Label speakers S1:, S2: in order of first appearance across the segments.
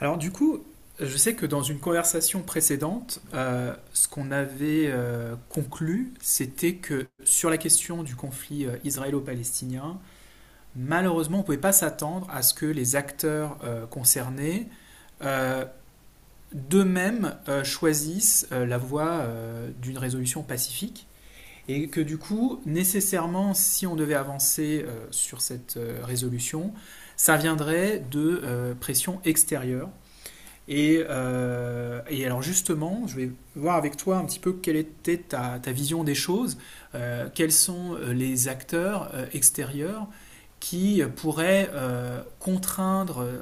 S1: Alors du coup, je sais que dans une conversation précédente, ce qu'on avait conclu, c'était que sur la question du conflit israélo-palestinien, malheureusement, on ne pouvait pas s'attendre à ce que les acteurs concernés euh, d'eux-mêmes choisissent la voie d'une résolution pacifique. Et que du coup, nécessairement, si on devait avancer sur cette résolution, ça viendrait de pressions extérieures et, alors justement, je vais voir avec toi un petit peu quelle était ta vision des choses, quels sont les acteurs extérieurs qui pourraient contraindre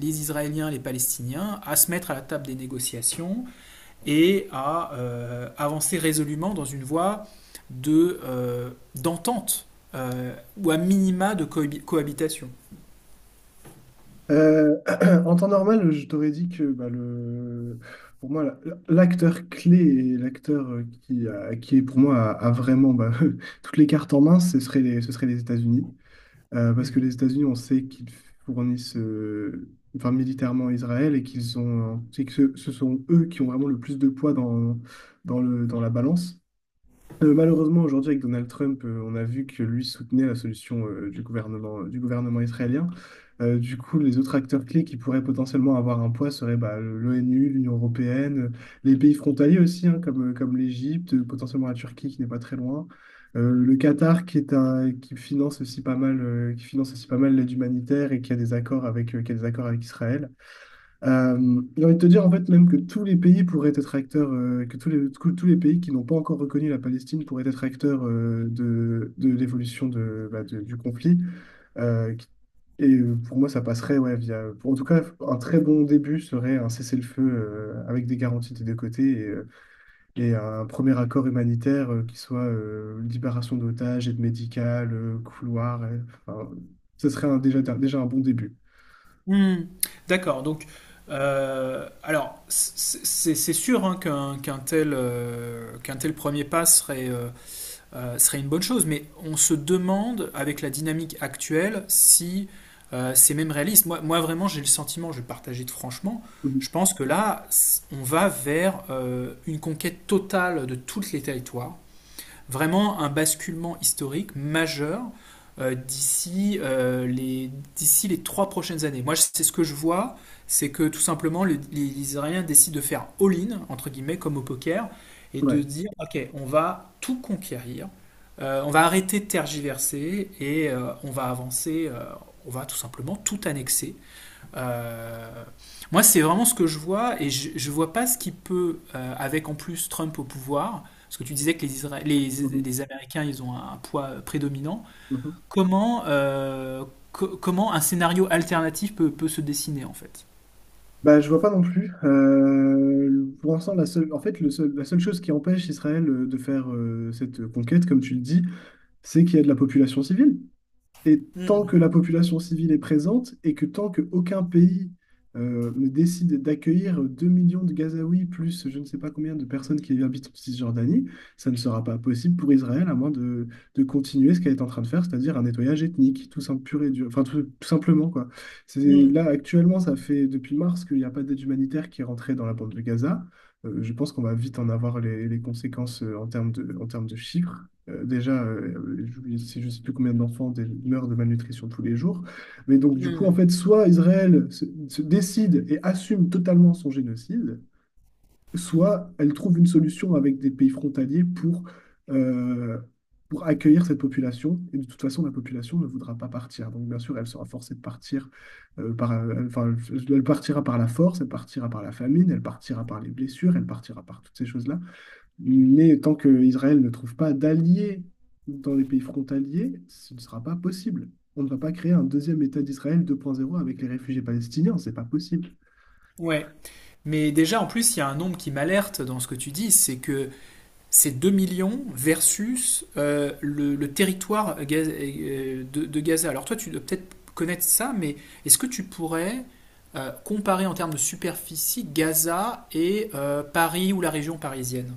S1: les Israéliens, les Palestiniens à se mettre à la table des négociations et à avancer résolument dans une voie d'entente de, euh, d'entente, ou à minima de cohabitation.
S2: Euh, En temps normal, je t'aurais dit que bah, pour moi, l'acteur clé et l'acteur qui est pour moi a vraiment bah, toutes les cartes en main, ce serait les États-Unis. Parce
S1: Mmh.
S2: que les États-Unis, on sait qu'ils fournissent enfin, militairement Israël et qu'ils ont, c'est que ce sont eux qui ont vraiment le plus de poids dans la balance. Malheureusement, aujourd'hui, avec Donald Trump, on a vu que lui soutenait la solution du gouvernement israélien. Du coup, les autres acteurs clés qui pourraient potentiellement avoir un poids seraient bah, l'ONU, l'Union européenne, les pays frontaliers aussi, hein, comme l'Égypte, potentiellement la Turquie qui n'est pas très loin. Le Qatar qui finance aussi pas mal, l'aide humanitaire et qui a des accords avec Israël. J'ai envie de te dire en fait même que tous les pays pourraient être acteurs, que tous les pays qui n'ont pas encore reconnu la Palestine pourraient être acteurs de l'évolution du conflit. Euh, qui- pour moi, ça passerait ouais, en tout cas, un très bon début serait un cessez-le-feu avec des garanties des deux côtés et un premier accord humanitaire qui soit libération d'otages, aide médicale, couloir. Enfin, ce serait déjà un bon début.
S1: Hmm, d'accord. Donc, alors, c'est sûr hein, qu'un tel premier pas serait une bonne chose, mais on se demande, avec la dynamique actuelle, si c'est même réaliste. Moi, vraiment, j'ai le sentiment, je vais partager de franchement,
S2: Mhm.
S1: je pense que là, on va vers une conquête totale de tous les territoires, vraiment un basculement historique majeur euh, d'ici euh, les, d'ici les 3 prochaines années. Moi, c'est ce que je vois, c'est que tout simplement, les Israéliens décident de faire all-in, entre guillemets, comme au poker, et de
S2: Ouais.
S1: dire, OK, on va tout conquérir, on va arrêter de tergiverser, et on va avancer, on va tout simplement tout annexer. Euh, moi, c'est vraiment ce que je vois, et je vois pas ce qui peut, avec en plus Trump au pouvoir, parce que tu disais que les, Isra- les,
S2: Mhm.
S1: les Américains, ils ont un poids prédominant,
S2: Mhm.
S1: comment, euh, comment un scénario alternatif peut se dessiner, en fait?
S2: Bah, je vois pas non plus. Pour l'instant, la seule, en fait, le seul- la seule chose qui empêche Israël de faire cette conquête, comme tu le dis, c'est qu'il y a de la population civile. Et tant
S1: Hmm.
S2: que la population civile est présente et que tant qu'aucun pays ne décide d'accueillir 2 millions de Gazaouis plus je ne sais pas combien de personnes qui habitent en Cisjordanie, ça ne sera pas possible pour Israël à moins de continuer ce qu'elle est en train de faire, c'est-à-dire un nettoyage ethnique, tout simple, pur et dur, enfin tout simplement quoi. C'est,
S1: Hmm.
S2: là actuellement, ça fait depuis mars qu'il n'y a pas d'aide humanitaire qui est rentrée dans la bande de Gaza. Je pense qu'on va vite en avoir les conséquences en termes de chiffres. Déjà, je sais plus combien d'enfants meurent de malnutrition tous les jours. Mais donc, du coup, en
S1: Hmm.
S2: fait, soit Israël se décide et assume totalement son génocide, soit elle trouve une solution avec des pays frontaliers euh, pour accueillir cette population. Et de toute façon, la population ne voudra pas partir. Donc, bien sûr, elle sera forcée de partir enfin, elle partira par la force, elle partira par la famine, elle partira par les blessures, elle partira par toutes ces choses-là. Mais tant qu'Israël ne trouve pas d'alliés dans les pays frontaliers, ce ne sera pas possible. On ne va pas créer un deuxième État d'Israël 2.0 avec les réfugiés palestiniens, c'est pas possible.
S1: Ouais. Mais déjà, en plus, il y a un nombre qui m'alerte dans ce que tu dis, c'est que ces 2 millions versus le territoire de Gaza. Alors toi, tu dois peut-être connaître ça, mais est-ce que tu pourrais comparer en termes de superficie Gaza et Paris ou la région parisienne?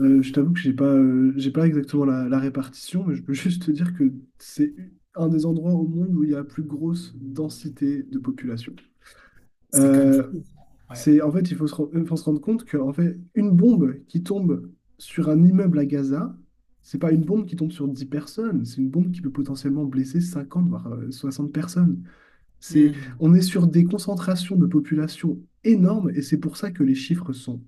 S2: Je t'avoue que j'ai pas exactement la répartition, mais je peux juste te dire que c'est un des endroits au monde où il y a la plus grosse densité de population.
S1: C'est quand même
S2: Euh,
S1: fou. Ouais.
S2: en fait, il faut il faut se rendre compte que, en fait, une bombe qui tombe sur un immeuble à Gaza, c'est pas une bombe qui tombe sur 10 personnes, c'est une bombe qui peut potentiellement blesser 50 voire 60 personnes. C'est,
S1: Hmm.
S2: on est sur des concentrations de population énormes et c'est pour ça que les chiffres sont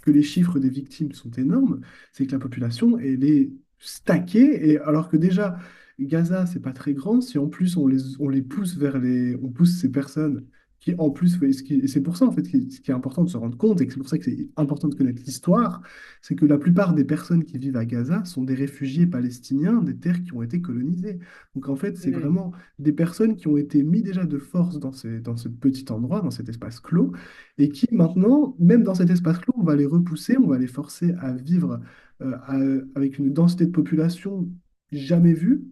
S2: que les chiffres des victimes sont énormes, c'est que la population, elle est stackée, et alors que déjà, Gaza, c'est pas très grand, si en plus on les pousse vers les. On pousse ces personnes qui, en plus, ce qui- et c'est pour ça, en fait, qui- ce qui est important de se rendre compte, et que c'est pour ça que c'est important de connaître l'histoire, c'est que la plupart des personnes qui vivent à Gaza sont des réfugiés palestiniens des terres qui ont été colonisées. Donc, en fait, c'est
S1: Hmm.
S2: vraiment des personnes qui ont été mises déjà de force dans ce petit endroit, dans cet espace clos, et qui maintenant, même dans cet espace clos, on va les repousser, on va les forcer à vivre avec une densité de population jamais vue,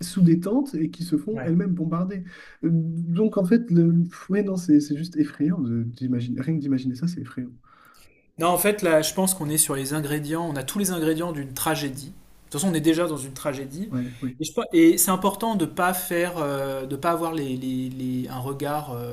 S2: sous des tentes, et qui se font
S1: Ouais.
S2: elles-mêmes bombarder. Donc en fait, le... ouais, non, c'est juste effrayant d'imaginer, rien que d'imaginer ça, c'est effrayant.
S1: Non, en fait, là, je pense qu'on est sur les ingrédients, on a tous les ingrédients d'une tragédie. De toute façon, on est déjà dans une tragédie.
S2: Ouais, oui.
S1: Et c'est important de pas faire, de pas avoir un regard,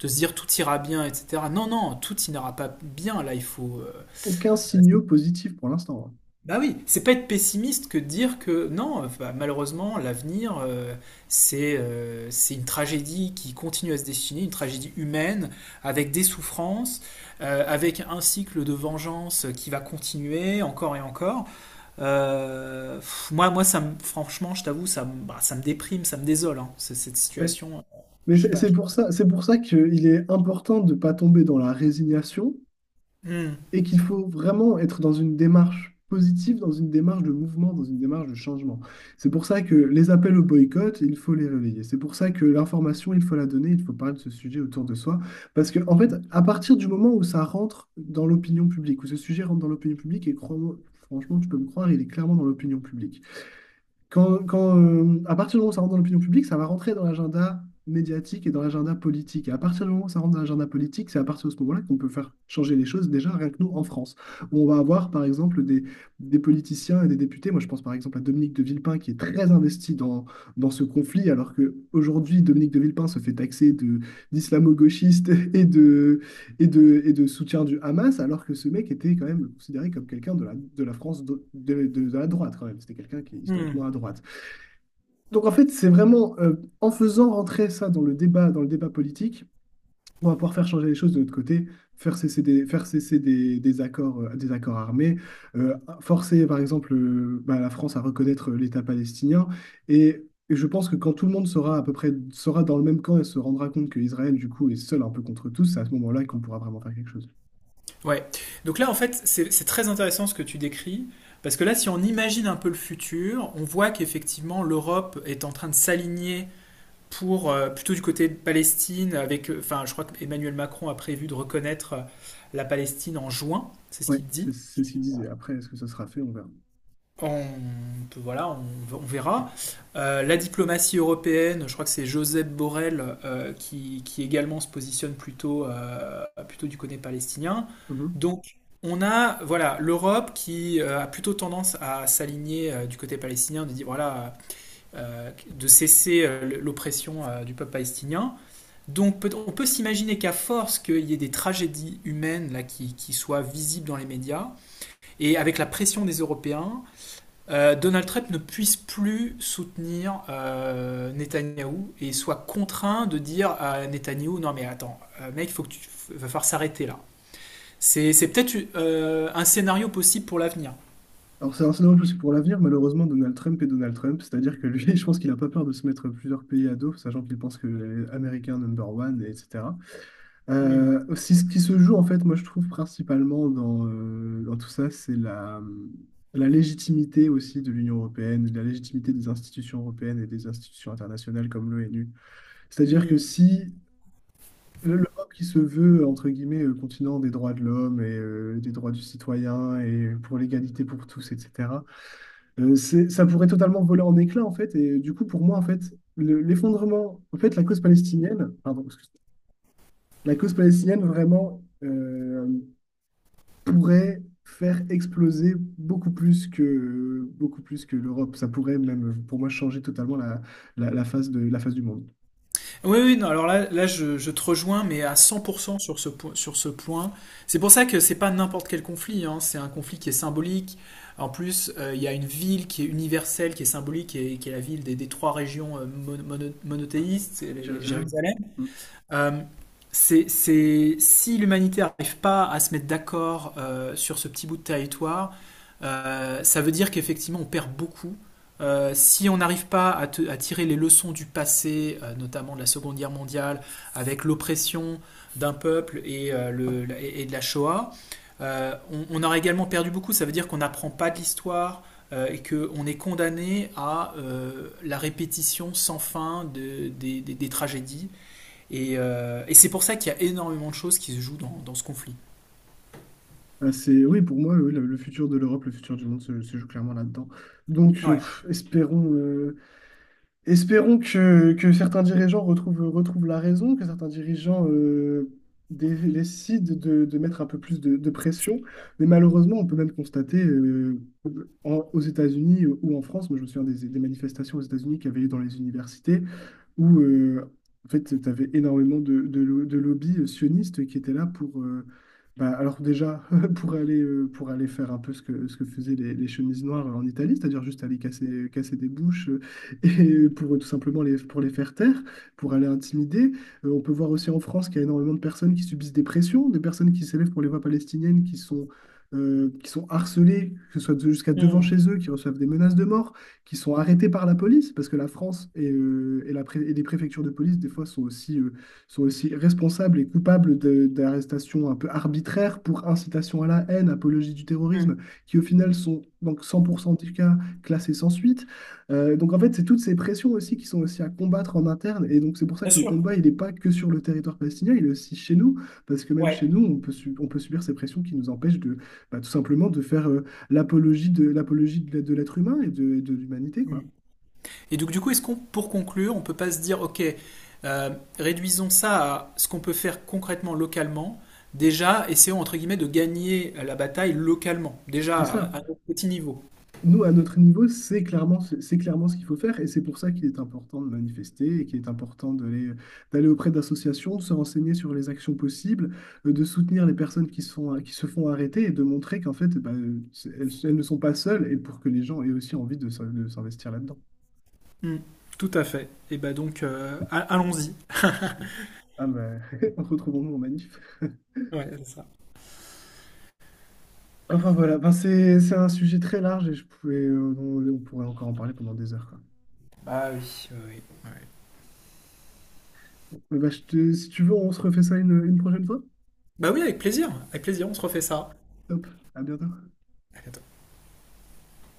S1: de se dire tout ira bien, etc. Non, non, tout n'ira pas bien. Là, il faut.
S2: Aucun
S1: Euh, c'est-
S2: signaux positif pour l'instant, hein.
S1: Bah oui, c'est pas être pessimiste que de dire que non, bah, malheureusement, l'avenir, c'est une tragédie qui continue à se dessiner, une tragédie humaine, avec des souffrances, avec un cycle de vengeance qui va continuer encore et encore. Moi ça me, franchement, je t'avoue, bah, ça me déprime, ça me désole, hein, cette
S2: Mais,
S1: situation.
S2: mais
S1: Je sais
S2: c'est
S1: pas.
S2: c'est pour ça, c'est pour ça qu'il est important de ne pas tomber dans la résignation
S1: Hmm.
S2: et qu'il faut vraiment être dans une démarche positive, dans une démarche de mouvement, dans une démarche de changement. C'est pour ça que les appels au boycott, il faut les relayer. C'est pour ça que l'information, il faut la donner, il faut parler de ce sujet autour de soi. Parce que, en fait,
S1: Hmm.
S2: à partir du moment où ça rentre dans l'opinion publique, où ce sujet rentre dans l'opinion publique, et crois-moi, franchement, tu peux me croire, il est clairement dans l'opinion publique à partir du moment où ça rentre dans l'opinion publique, ça va rentrer dans l'agenda médiatique et dans l'agenda politique. Et à partir du moment où ça rentre dans l'agenda politique, c'est à partir de ce moment-là qu'on peut faire changer les choses, déjà rien que nous en France, où on va avoir par exemple des politiciens et des députés. Moi, je pense par exemple à Dominique de Villepin qui est très investi dans ce conflit, alors qu'aujourd'hui, Dominique de Villepin se fait taxer d'islamo-gauchiste et de soutien du Hamas, alors que ce mec était quand même considéré comme quelqu'un de la France, la droite quand même. C'était quelqu'un qui est
S1: Hmm.
S2: historiquement à droite. Donc en fait, c'est vraiment en faisant rentrer ça dans le débat politique, on va pouvoir faire changer les choses de notre côté, faire cesser des accords armés, euh, forcer par exemple bah, la France à reconnaître l'État palestinien. Et et je pense que quand tout le monde sera à peu près sera dans le même camp et se rendra compte que Israël, du coup, est seul un peu contre tous, c'est à ce moment-là qu'on pourra vraiment faire quelque chose.
S1: Ouais. Donc là, en fait, c'est très intéressant ce que tu décris, parce que là, si on imagine un peu le futur, on voit qu'effectivement, l'Europe est en train de s'aligner pour, plutôt du côté de Palestine, avec, enfin, je crois qu'Emmanuel Macron a prévu de reconnaître la Palestine en juin, c'est ce
S2: Oui,
S1: qu'il
S2: c'est
S1: dit.
S2: c'est ce qu'il disait. Après, est-ce que ça sera fait? On verra.
S1: On voilà, on verra. La diplomatie européenne, je crois que c'est Josep Borrell qui également se positionne plutôt du côté palestinien.
S2: Mhm.
S1: Donc on a, voilà, l'Europe qui a plutôt tendance à s'aligner du côté palestinien, de dire voilà de cesser l'oppression du peuple palestinien. Donc on peut s'imaginer qu'à force qu'il y ait des tragédies humaines là qui, soient visibles dans les médias et avec la pression des Européens, Donald Trump ne puisse plus soutenir Netanyahou et soit contraint de dire à Netanyahou non mais attends, mec, faut que tu va falloir s'arrêter là. C'est peut-être un scénario possible pour l'avenir.
S2: Alors, c'est un scénario plus pour l'avenir, malheureusement, Donald Trump est Donald Trump. C'est-à-dire que lui, je pense qu'il n'a pas peur de se mettre plusieurs pays à dos, sachant qu'il pense que les Américains number one, et etc.
S1: Hmm.
S2: Aussi, ce qui se joue, en fait, moi, je trouve principalement dans tout ça, c'est la légitimité aussi de l'Union européenne, la légitimité des institutions européennes et des institutions internationales comme l'ONU. C'est-à-dire que
S1: Hmm.
S2: si l'Europe qui se veut, entre guillemets, continent des droits de l'homme et des droits du citoyen et pour l'égalité pour tous, etc., ça pourrait totalement voler en éclats, en fait. Et du coup, pour moi, en fait, la cause palestinienne, pardon, excuse-moi, la cause palestinienne vraiment pourrait faire exploser beaucoup plus que l'Europe. Ça pourrait même, pour moi, changer totalement la face la face du monde.
S1: Oui, oui, non, alors là, je te rejoins, mais à 100% sur ce point. C'est pour ça que c'est pas n'importe quel conflit, hein, c'est un conflit qui est symbolique. En plus, il y a une ville qui est universelle, qui est symbolique, et qui est la ville des trois régions monothéistes, c'est
S2: Jérusalem?
S1: Jérusalem. Euh, si l'humanité n'arrive pas à se mettre d'accord sur ce petit bout de territoire, ça veut dire qu'effectivement on perd beaucoup. Si on n'arrive pas à tirer les leçons du passé, notamment de la Seconde Guerre mondiale, avec l'oppression d'un peuple et de la Shoah, on aurait également perdu beaucoup. Ça veut dire qu'on n'apprend pas de l'histoire et qu'on est condamné à la répétition sans fin des tragédies et c'est pour ça qu'il y a énormément de choses qui se jouent dans ce conflit.
S2: Ah, oui, pour moi, oui, le futur de l'Europe, le futur du monde se joue clairement là-dedans. Donc,
S1: Ouais.
S2: pff, espérons que certains dirigeants retrouvent la raison, que certains dirigeants décident de mettre un peu plus de pression. Mais malheureusement, on peut même constater aux États-Unis ou en France, moi je me souviens des manifestations aux États-Unis qui avaient lieu dans les universités, où en fait, tu avais énormément de lobbies sionistes qui étaient là bah, alors déjà, pour aller faire un peu ce que faisaient les chemises noires en Italie, c'est-à-dire juste aller casser des bouches et pour les faire taire, pour aller intimider. On peut voir aussi en France qu'il y a énormément de personnes qui subissent des pressions, des personnes qui s'élèvent pour les voix palestiniennes, qui sont harcelées, que ce soit jusqu'à devant
S1: Mm.
S2: chez eux, qui reçoivent des menaces de mort, qui sont arrêtés par la police, parce que la France et les préfectures de police, des fois, sont aussi responsables et coupables d'arrestations un peu arbitraires pour incitation à la haine, apologie du terrorisme,
S1: Mm.
S2: qui au final sont donc 100% des cas classés sans suite. Donc en fait, c'est toutes ces pressions aussi qui sont aussi à combattre en interne. Et donc c'est pour ça
S1: Bien
S2: que le
S1: sûr.
S2: combat, il n'est pas que sur le territoire palestinien, il est aussi chez nous, parce que même chez
S1: Ouais.
S2: nous, on peut subir ces pressions qui nous empêchent de, bah, tout simplement de faire, l'apologie de l'être humain et de l'humanité,
S1: Mm.
S2: quoi.
S1: Et donc du coup, est-ce qu'on, pour conclure, on peut pas se dire, ok, euh, réduisons ça à ce qu'on peut faire concrètement localement. Déjà, essayons entre guillemets de gagner la bataille localement, déjà
S2: C'est ça.
S1: à notre petit niveau.
S2: Nous, à notre niveau, c'est clairement ce qu'il faut faire et c'est pour ça qu'il est important de manifester et qu'il est important d'aller auprès d'associations, de se renseigner sur les actions possibles, de soutenir les personnes qui se font arrêter et de montrer qu'en fait, bah, elles, elles ne sont pas seules et pour que les gens aient aussi envie de s'investir là-dedans.
S1: Mmh. Tout à fait. Et bah donc, allons-y.
S2: Ah bah, retrouvons-nous en manif.
S1: Ouais, c'est ça.
S2: Enfin voilà. Enfin, c'est un sujet très large et on pourrait encore en parler pendant des heures, quoi.
S1: Bah oui. Oui, oui.
S2: Bon, bah, si tu veux, on se refait ça une prochaine fois.
S1: Bah oui, avec plaisir. Avec plaisir, on se refait ça.
S2: Top, à bientôt.
S1: À bientôt.